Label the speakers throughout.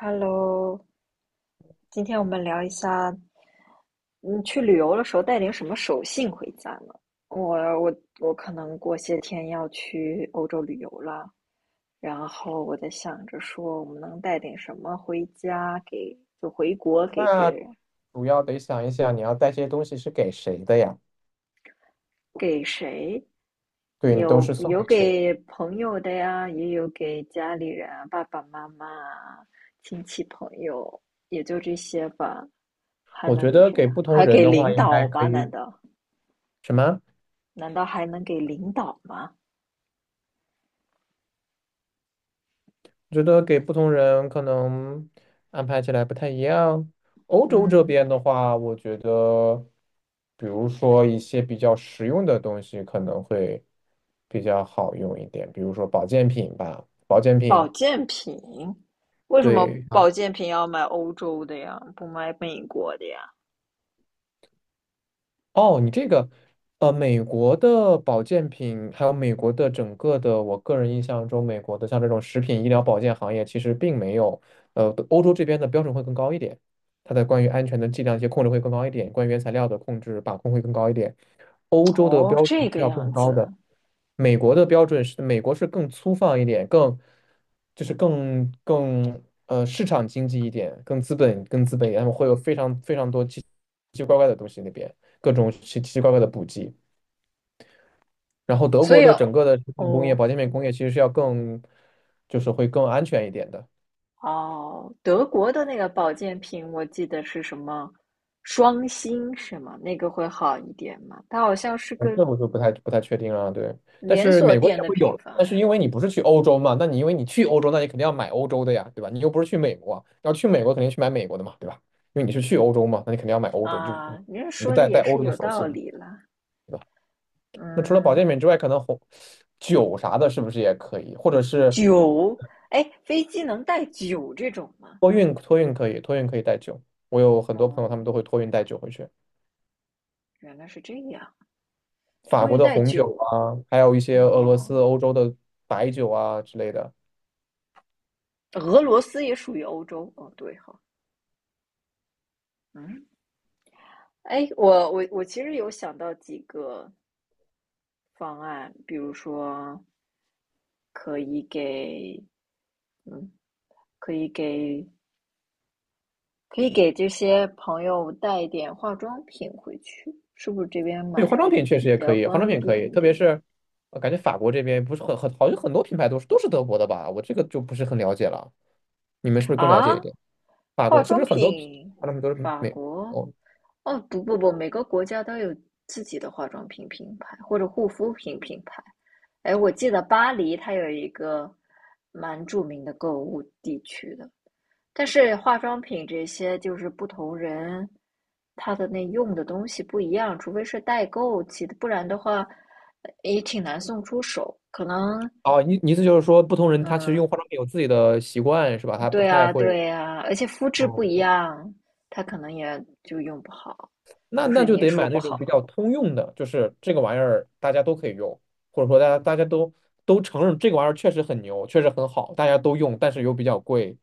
Speaker 1: Hello，今天我们聊一下，嗯，去旅游的时候带点什么手信回家呢？我我我可能过些天要去欧洲旅游了，然后我在想着说，我们能带点什么回家给，就回国给别
Speaker 2: 那
Speaker 1: 人。
Speaker 2: 主要得想一想，你要带这些东西是给谁的呀？
Speaker 1: 给谁？
Speaker 2: 对，你都
Speaker 1: 有
Speaker 2: 是送
Speaker 1: 有
Speaker 2: 给谁的？
Speaker 1: 给朋友的呀，也有给家里人啊爸爸妈妈啊亲戚朋友，也就这些吧。还
Speaker 2: 我
Speaker 1: 能
Speaker 2: 觉
Speaker 1: 给
Speaker 2: 得
Speaker 1: 谁
Speaker 2: 给
Speaker 1: 啊？
Speaker 2: 不同
Speaker 1: 还
Speaker 2: 人
Speaker 1: 给
Speaker 2: 的话，
Speaker 1: 领
Speaker 2: 应
Speaker 1: 导
Speaker 2: 该可
Speaker 1: 吧？难
Speaker 2: 以
Speaker 1: 道
Speaker 2: 什么？
Speaker 1: 难道还能给领导吗？
Speaker 2: 我觉得给不同人可能安排起来不太一样。欧洲这
Speaker 1: 嗯，
Speaker 2: 边的话，我觉得，比如说一些比较实用的东西可能会比较好用一点，比如说保健品吧，保健
Speaker 1: 保
Speaker 2: 品，
Speaker 1: 健品，为什么
Speaker 2: 对。
Speaker 1: 保健品要买欧洲的呀？不买美国的呀？
Speaker 2: 哦，你这个，美国的保健品，还有美国的整个的，我个人印象中，美国的像这种食品医疗保健行业，其实并没有，欧洲这边的标准会更高一点，它的关于安全的剂量一些控制会更高一点，关于原材料的控制把控会更高一点，欧洲的
Speaker 1: 哦，
Speaker 2: 标准
Speaker 1: 这
Speaker 2: 是
Speaker 1: 个
Speaker 2: 要
Speaker 1: 样
Speaker 2: 更高的。
Speaker 1: 子，
Speaker 2: 美国的标准是，美国是更粗放一点，更就是更市场经济一点，更资本更资本一点，他们会有非常非常多奇奇怪怪的东西那边，各种奇奇奇怪怪的补剂。然后德
Speaker 1: 所
Speaker 2: 国
Speaker 1: 以
Speaker 2: 的整个的食品工业、
Speaker 1: 哦，
Speaker 2: 保健品工业其实是要更就是会更安全一点的。
Speaker 1: 哦，德国的那个保健品，我记得是什么双星是吗？那个会好一点吗？它好像是
Speaker 2: 哦
Speaker 1: 个
Speaker 2: 这我就不太确定了，对。但
Speaker 1: 连
Speaker 2: 是
Speaker 1: 锁
Speaker 2: 美国
Speaker 1: 店
Speaker 2: 也
Speaker 1: 的
Speaker 2: 会
Speaker 1: 品
Speaker 2: 有，
Speaker 1: 牌
Speaker 2: 但是
Speaker 1: 呀。
Speaker 2: 因为你不是去欧洲嘛，那你因为你去欧洲，那你肯定要买欧洲的呀，对吧？你又不是去美国，要去美国肯定去买美国的嘛，对吧？因为你是去欧洲嘛，那你肯定要买欧洲，就
Speaker 1: 啊，
Speaker 2: 嗯
Speaker 1: 你这
Speaker 2: 你就
Speaker 1: 说的
Speaker 2: 带
Speaker 1: 也
Speaker 2: 带欧
Speaker 1: 是
Speaker 2: 洲的
Speaker 1: 有
Speaker 2: 手
Speaker 1: 道
Speaker 2: 信嘛，
Speaker 1: 理啦。
Speaker 2: 对吧？那除了保
Speaker 1: 嗯，
Speaker 2: 健品之外，可能红酒啥的，是不是也可以？或者是
Speaker 1: 酒，哎，飞机能带酒这种吗？
Speaker 2: 托运，托运可以，托运可以带酒。我有很多朋友，他
Speaker 1: 哦，
Speaker 2: 们都会托运带酒回去，
Speaker 1: 原来是这样，
Speaker 2: 法
Speaker 1: 托
Speaker 2: 国
Speaker 1: 运
Speaker 2: 的
Speaker 1: 带
Speaker 2: 红酒
Speaker 1: 酒。
Speaker 2: 啊，还有一些俄罗斯、
Speaker 1: 哦，
Speaker 2: 欧洲的白酒啊之类的。
Speaker 1: 俄罗斯也属于欧洲。哦，对哈，嗯。哎，我其实有想到几个方案，比如说可以给，嗯，可以给，可以给这些朋友带一点化妆品回去，是不是这边
Speaker 2: 对，化
Speaker 1: 买
Speaker 2: 妆品确实
Speaker 1: 比
Speaker 2: 也
Speaker 1: 较
Speaker 2: 可以，化妆
Speaker 1: 方
Speaker 2: 品可
Speaker 1: 便
Speaker 2: 以，
Speaker 1: 一
Speaker 2: 特别
Speaker 1: 点
Speaker 2: 是感觉法国这边不是很好像很多品牌都是德国的吧？我这个就不是很了解了，你们是不是更了
Speaker 1: 啊？
Speaker 2: 解一点？法
Speaker 1: 化
Speaker 2: 国是不
Speaker 1: 妆
Speaker 2: 是很多品
Speaker 1: 品，
Speaker 2: 化妆品都是
Speaker 1: 法
Speaker 2: 美？
Speaker 1: 国，
Speaker 2: 哦
Speaker 1: 哦，不，每个国家都有自己的化妆品品牌或者护肤品品牌。哎，我记得巴黎它有一个蛮著名的购物地区的，但是化妆品这些就是不同人，他的那用的东西不一样，除非是代购其的，不然的话也挺难送出手。可能，
Speaker 2: 哦，你意思就是说，不同人他其实
Speaker 1: 嗯，
Speaker 2: 用化妆品有自己的习惯是吧？他不
Speaker 1: 对
Speaker 2: 太
Speaker 1: 啊，
Speaker 2: 会
Speaker 1: 对啊，而且肤质不
Speaker 2: 哦，
Speaker 1: 一
Speaker 2: 对
Speaker 1: 样，他可能也就用不好，
Speaker 2: 那
Speaker 1: 就是
Speaker 2: 那
Speaker 1: 你
Speaker 2: 就
Speaker 1: 也
Speaker 2: 得
Speaker 1: 说
Speaker 2: 买
Speaker 1: 不
Speaker 2: 那种比
Speaker 1: 好，
Speaker 2: 较通用的，就是这个玩意儿大家都可以用，或者说大家都承认这个玩意儿确实很牛，确实很好，大家都用，但是又比较贵，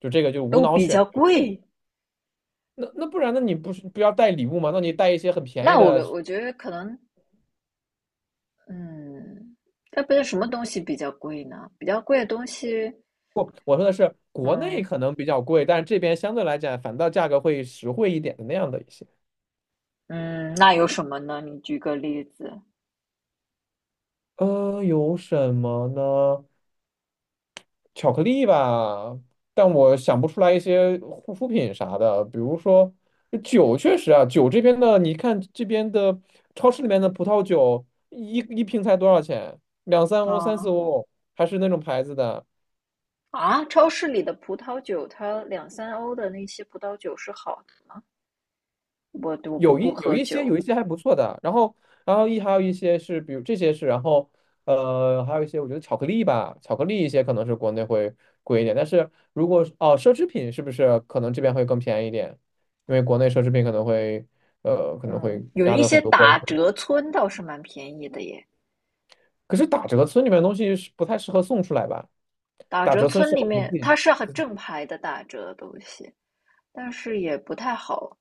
Speaker 2: 就这个就无
Speaker 1: 都
Speaker 2: 脑
Speaker 1: 比
Speaker 2: 选
Speaker 1: 较
Speaker 2: 就可以。
Speaker 1: 贵。
Speaker 2: 那不然，那你不是不要带礼物吗？那你带一些很便宜
Speaker 1: 那我
Speaker 2: 的。
Speaker 1: 我觉得可能，嗯，那不是什么东西比较贵呢？比较贵的东西，
Speaker 2: 不，我说的是国内
Speaker 1: 嗯
Speaker 2: 可能比较贵，但是这边相对来讲反倒价格会实惠一点的那样的一些。
Speaker 1: 嗯，那有什么呢？你举个例子
Speaker 2: 有什么呢？巧克力吧，但我想不出来一些护肤品啥的。比如说酒，确实啊，酒这边的，你看这边的超市里面的葡萄酒，一瓶才多少钱？两三
Speaker 1: 啊。
Speaker 2: 欧、三四
Speaker 1: 哦
Speaker 2: 欧，还是那种牌子的。
Speaker 1: 啊，超市里的葡萄酒，它两三欧的那些葡萄酒是好的吗？我不不
Speaker 2: 有
Speaker 1: 喝
Speaker 2: 一些
Speaker 1: 酒，
Speaker 2: 还不错的，然后然后一还有一些是，比如这些是，然后还有一些我觉得巧克力吧，巧克力一些可能是国内会贵一点，但是如果是奢侈品是不是可能这边会更便宜一点？因为国内奢侈品可能
Speaker 1: 嗯，
Speaker 2: 会
Speaker 1: 有
Speaker 2: 加
Speaker 1: 一
Speaker 2: 的
Speaker 1: 些
Speaker 2: 很多关
Speaker 1: 打
Speaker 2: 税，
Speaker 1: 折村倒是蛮便宜的耶。
Speaker 2: 可是打折村里面的东西是不太适合送出来吧？
Speaker 1: 打
Speaker 2: 打
Speaker 1: 折
Speaker 2: 折村
Speaker 1: 村
Speaker 2: 适
Speaker 1: 里
Speaker 2: 合我们
Speaker 1: 面
Speaker 2: 自
Speaker 1: 它
Speaker 2: 己，
Speaker 1: 是很正牌的打折的东西，但是也不太好。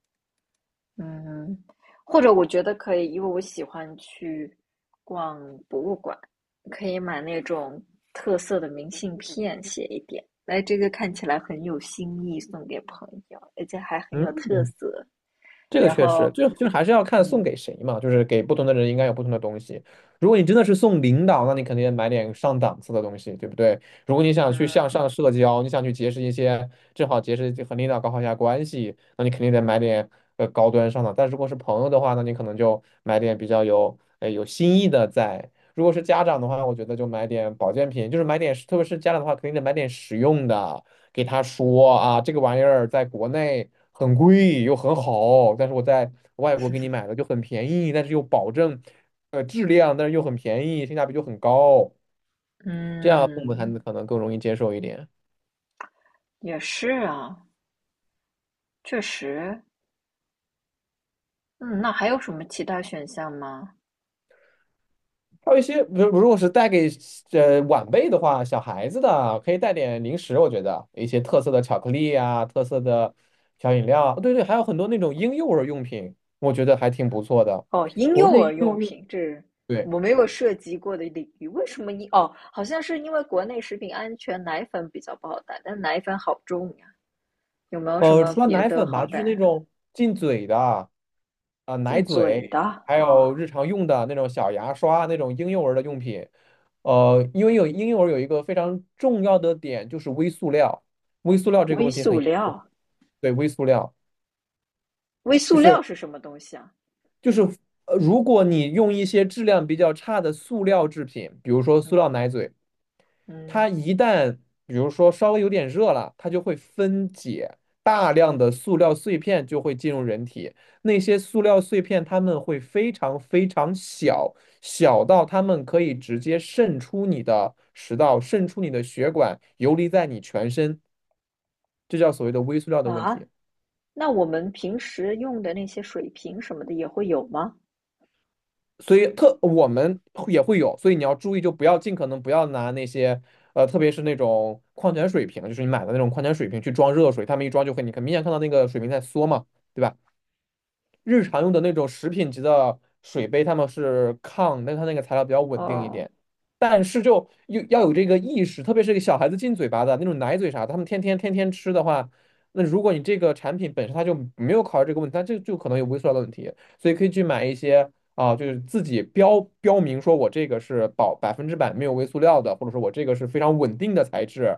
Speaker 1: 嗯，或者我觉得可以，因为我喜欢去逛博物馆，可以买那种特色的明信片，写一点。来这个看起来很有新意，送给朋友，而且还很有特
Speaker 2: 嗯
Speaker 1: 色。
Speaker 2: 这个
Speaker 1: 然
Speaker 2: 确实，
Speaker 1: 后，
Speaker 2: 就是还是要看送
Speaker 1: 嗯
Speaker 2: 给谁嘛，就是给不同的人应该有不同的东西。如果你真的是送领导，那你肯定买点上档次的东西，对不对？如果你想
Speaker 1: 嗯，
Speaker 2: 去向上社交，你想去结识一些，正好结识和领导搞好一下关系，那你肯定得买点高端上档。但如果是朋友的话，那你可能就买点比较有有新意的在。如果是家长的话，我觉得就买点保健品，就是买点，特别是家长的话，肯定得买点实用的。给他说啊，这个玩意儿在国内很贵又很好，但是我在外国给你买的就很便宜，但是又保证质量，但是又很便宜，性价比就很高，这样父母才
Speaker 1: 嗯，
Speaker 2: 能可能更容易接受一点。
Speaker 1: 也是啊，确实，嗯，那还有什么其他选项吗？
Speaker 2: 还有一些，如果是带给晚辈的话，小孩子的可以带点零食，我觉得一些特色的巧克力啊，特色的小饮料啊对对，还有很多那种婴幼儿用品，我觉得还挺不错的。
Speaker 1: 哦，婴
Speaker 2: 国
Speaker 1: 幼
Speaker 2: 内
Speaker 1: 儿
Speaker 2: 婴幼
Speaker 1: 用
Speaker 2: 儿用。
Speaker 1: 品，这是
Speaker 2: 对。
Speaker 1: 我没有涉及过的领域。为什么婴？哦，好像是因为国内食品安全，奶粉比较不好带，但奶粉好重呀。有没有什么
Speaker 2: 除了
Speaker 1: 别
Speaker 2: 奶
Speaker 1: 的
Speaker 2: 粉
Speaker 1: 好
Speaker 2: 吧，就
Speaker 1: 带
Speaker 2: 是那
Speaker 1: 啊
Speaker 2: 种进嘴的，啊、奶
Speaker 1: 进
Speaker 2: 嘴，
Speaker 1: 嘴的
Speaker 2: 还有
Speaker 1: 啊，
Speaker 2: 日常用的那种小牙刷，那种婴幼儿的用品。因为有婴幼儿有一个非常重要的点，就是微塑料，微塑料这个
Speaker 1: 微
Speaker 2: 问题很
Speaker 1: 塑
Speaker 2: 严重。
Speaker 1: 料，
Speaker 2: 对，微塑料
Speaker 1: 微塑料是什么东西啊？
Speaker 2: 就是如果你用一些质量比较差的塑料制品，比如说塑料
Speaker 1: 嗯
Speaker 2: 奶嘴，
Speaker 1: 嗯
Speaker 2: 它一旦比如说稍微有点热了，它就会分解，大量的塑料碎片就会进入人体。那些塑料碎片它们会非常非常小，小到它们可以直接渗出你的食道，渗出你的血管，游离在你全身，这叫所谓的微塑料的问题。
Speaker 1: 啊，那我们平时用的那些水瓶什么的也会有吗？
Speaker 2: 所以特我们也会有，所以你要注意，就不要尽可能不要拿那些特别是那种矿泉水瓶，就是你买的那种矿泉水瓶去装热水，他们一装就会，你很明显看到那个水瓶在缩嘛，对吧？日常用的那种食品级的水杯，他们是抗，但它那个材料比较稳定一
Speaker 1: 哦，
Speaker 2: 点。但是就有要有这个意识，特别是给小孩子进嘴巴的那种奶嘴啥的，他们天天吃的话，那如果你这个产品本身它就没有考虑这个问题，它就可能有微塑料的问题。所以可以去买一些啊、就是自己标明说我这个是保百分之百没有微塑料的，或者说我这个是非常稳定的材质，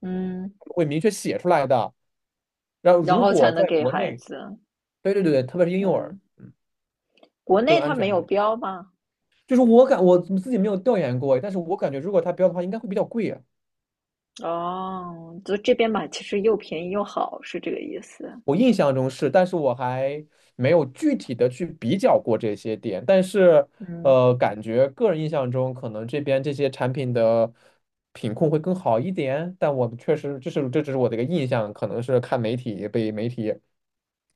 Speaker 1: 嗯，
Speaker 2: 会明确写出来的。然后
Speaker 1: 然
Speaker 2: 如
Speaker 1: 后才
Speaker 2: 果
Speaker 1: 能
Speaker 2: 在
Speaker 1: 给
Speaker 2: 国
Speaker 1: 孩
Speaker 2: 内，
Speaker 1: 子。
Speaker 2: 对，特别是婴幼儿。
Speaker 1: 嗯，国
Speaker 2: 更
Speaker 1: 内
Speaker 2: 安
Speaker 1: 它没
Speaker 2: 全一
Speaker 1: 有
Speaker 2: 点。
Speaker 1: 标吗？
Speaker 2: 就是我自己没有调研过，但是我感觉如果它标的话，应该会比较贵啊。
Speaker 1: 哦，就这边买其实又便宜又好，是这个意思。
Speaker 2: 我印象中是，但是我还没有具体的去比较过这些点。但是，
Speaker 1: 嗯，
Speaker 2: 感觉个人印象中，可能这边这些产品的品控会更好一点。但我确实，这只是我的一个印象，可能是看媒体被媒体，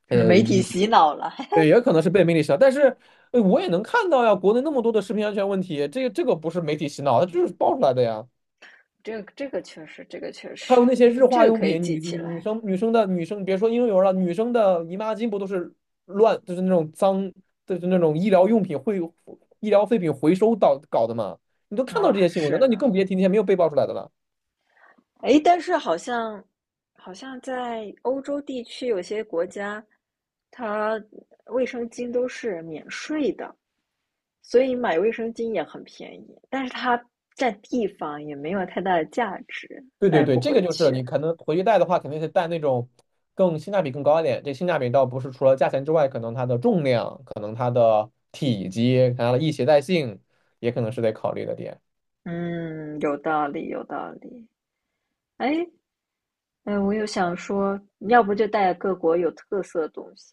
Speaker 1: 媒体
Speaker 2: 也
Speaker 1: 洗脑了，
Speaker 2: 对也可能是被媒体洗脑。但是，我也能看到呀，国内那么多的食品安全问题，这个不是媒体洗脑，它就是爆出来的呀。
Speaker 1: 这个这个确实，这个确
Speaker 2: 还
Speaker 1: 实，
Speaker 2: 有那些日
Speaker 1: 嗯，
Speaker 2: 化
Speaker 1: 这个
Speaker 2: 用
Speaker 1: 可以
Speaker 2: 品，
Speaker 1: 记起来
Speaker 2: 女生，别说婴幼儿了，女生的姨妈巾不都是乱，就是那种脏，就是那种医疗用品会医疗废品回收到搞的嘛？你都看到这
Speaker 1: 啊。
Speaker 2: 些新闻的，
Speaker 1: 是
Speaker 2: 那你更
Speaker 1: 呢，
Speaker 2: 别提那些没有被爆出来的了。
Speaker 1: 诶，但是好像在欧洲地区有些国家，它卫生巾都是免税的。所以买卫生巾也很便宜，但是它占地方也没有太大的价值，
Speaker 2: 对对
Speaker 1: 带
Speaker 2: 对，
Speaker 1: 不
Speaker 2: 这个
Speaker 1: 回
Speaker 2: 就是
Speaker 1: 去。
Speaker 2: 你可能回去带的话，肯定是带那种性价比更高一点。这性价比倒不是除了价钱之外，可能它的重量，可能它的体积，可能它的易携带性，也可能是得考虑的点。
Speaker 1: 嗯，有道理，有道理。哎，哎，我又想说，要不就带各国有特色的东西。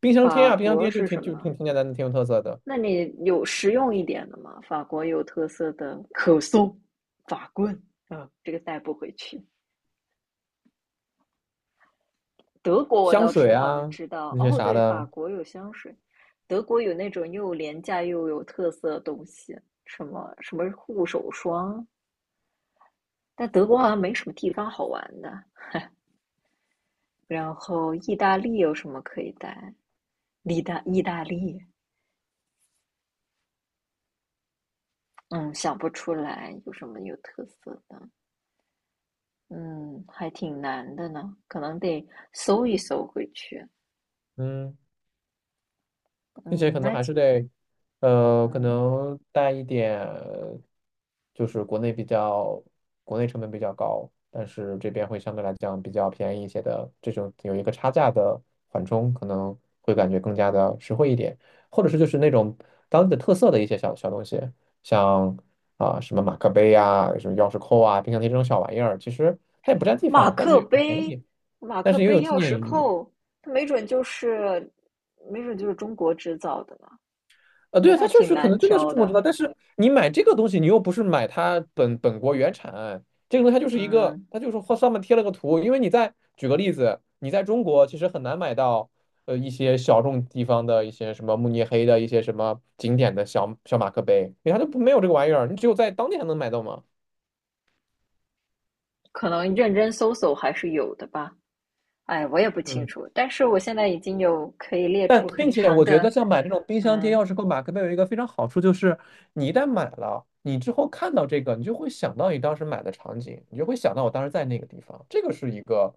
Speaker 2: 冰箱贴
Speaker 1: 法
Speaker 2: 啊，冰箱
Speaker 1: 国
Speaker 2: 贴就
Speaker 1: 是
Speaker 2: 挺
Speaker 1: 什
Speaker 2: 就
Speaker 1: 么？
Speaker 2: 挺挺简单的，挺有特色的。
Speaker 1: 那你有实用一点的吗？法国有特色的可颂、法棍，嗯，这个带不回去。德国我
Speaker 2: 香
Speaker 1: 倒是
Speaker 2: 水
Speaker 1: 好像
Speaker 2: 啊
Speaker 1: 知道，
Speaker 2: 那些
Speaker 1: 哦，
Speaker 2: 啥
Speaker 1: 对，法
Speaker 2: 的，
Speaker 1: 国有香水，德国有那种又廉价又有特色的东西，什么什么护手霜，但德国好像没什么地方好玩的。然后意大利有什么可以带？意大利，嗯，想不出来有什么有特色的，嗯，还挺难的呢，可能得搜一搜回去。
Speaker 2: 嗯，并且
Speaker 1: 嗯，
Speaker 2: 可能
Speaker 1: 那
Speaker 2: 还是得，可
Speaker 1: 嗯，
Speaker 2: 能带一点，就是国内比较，国内成本比较高，但是这边会相对来讲比较便宜一些的，这种有一个差价的缓冲，可能会感觉更加的实惠一点，或者是就是那种当地的特色的一些小小东西，像啊、什么马克杯啊，什么钥匙扣啊，冰箱贴这种小玩意儿，其实它也不占地
Speaker 1: 马
Speaker 2: 方，但是
Speaker 1: 克
Speaker 2: 有便
Speaker 1: 杯，
Speaker 2: 宜。
Speaker 1: 马
Speaker 2: 但
Speaker 1: 克
Speaker 2: 是也有
Speaker 1: 杯
Speaker 2: 纪
Speaker 1: 钥
Speaker 2: 念
Speaker 1: 匙
Speaker 2: 意义。
Speaker 1: 扣，它没准就是，没准就是中国制造的呢，
Speaker 2: 啊，对啊，
Speaker 1: 这
Speaker 2: 它
Speaker 1: 还
Speaker 2: 确
Speaker 1: 挺
Speaker 2: 实可
Speaker 1: 难
Speaker 2: 能真的是
Speaker 1: 挑
Speaker 2: 中国制造，
Speaker 1: 的。
Speaker 2: 但是你买这个东西，你又不是买它本国原产，这个东西它就是一个，
Speaker 1: 嗯，
Speaker 2: 它就是后上面贴了个图。因为你在举个例子，你在中国其实很难买到一些小众地方的一些什么慕尼黑的一些什么景点的小小马克杯，因为它就不没有这个玩意儿，你只有在当地才能买到嘛。
Speaker 1: 可能认真搜搜还是有的吧。哎，我也不清
Speaker 2: 嗯。
Speaker 1: 楚，但是我现在已经有可以列
Speaker 2: 但
Speaker 1: 出
Speaker 2: 并
Speaker 1: 很
Speaker 2: 且
Speaker 1: 长
Speaker 2: 我觉
Speaker 1: 的，
Speaker 2: 得像买这种冰箱贴、
Speaker 1: 嗯
Speaker 2: 钥匙扣、马克杯有一个非常好处，就是你一旦买了，你之后看到这个，你就会想到你当时买的场景，你就会想到我当时在那个地方，这个是一个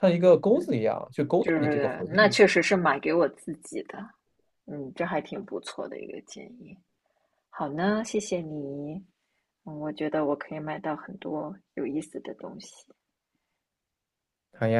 Speaker 2: 像一个
Speaker 1: 嗯，
Speaker 2: 钩子一样去勾到
Speaker 1: 就
Speaker 2: 你这个
Speaker 1: 是
Speaker 2: 回
Speaker 1: 那
Speaker 2: 忆。
Speaker 1: 确实是买给我自己的。嗯，这还挺不错的一个建议。好呢，谢谢你。嗯，我觉得我可以买到很多有意思的东西。
Speaker 2: 好呀。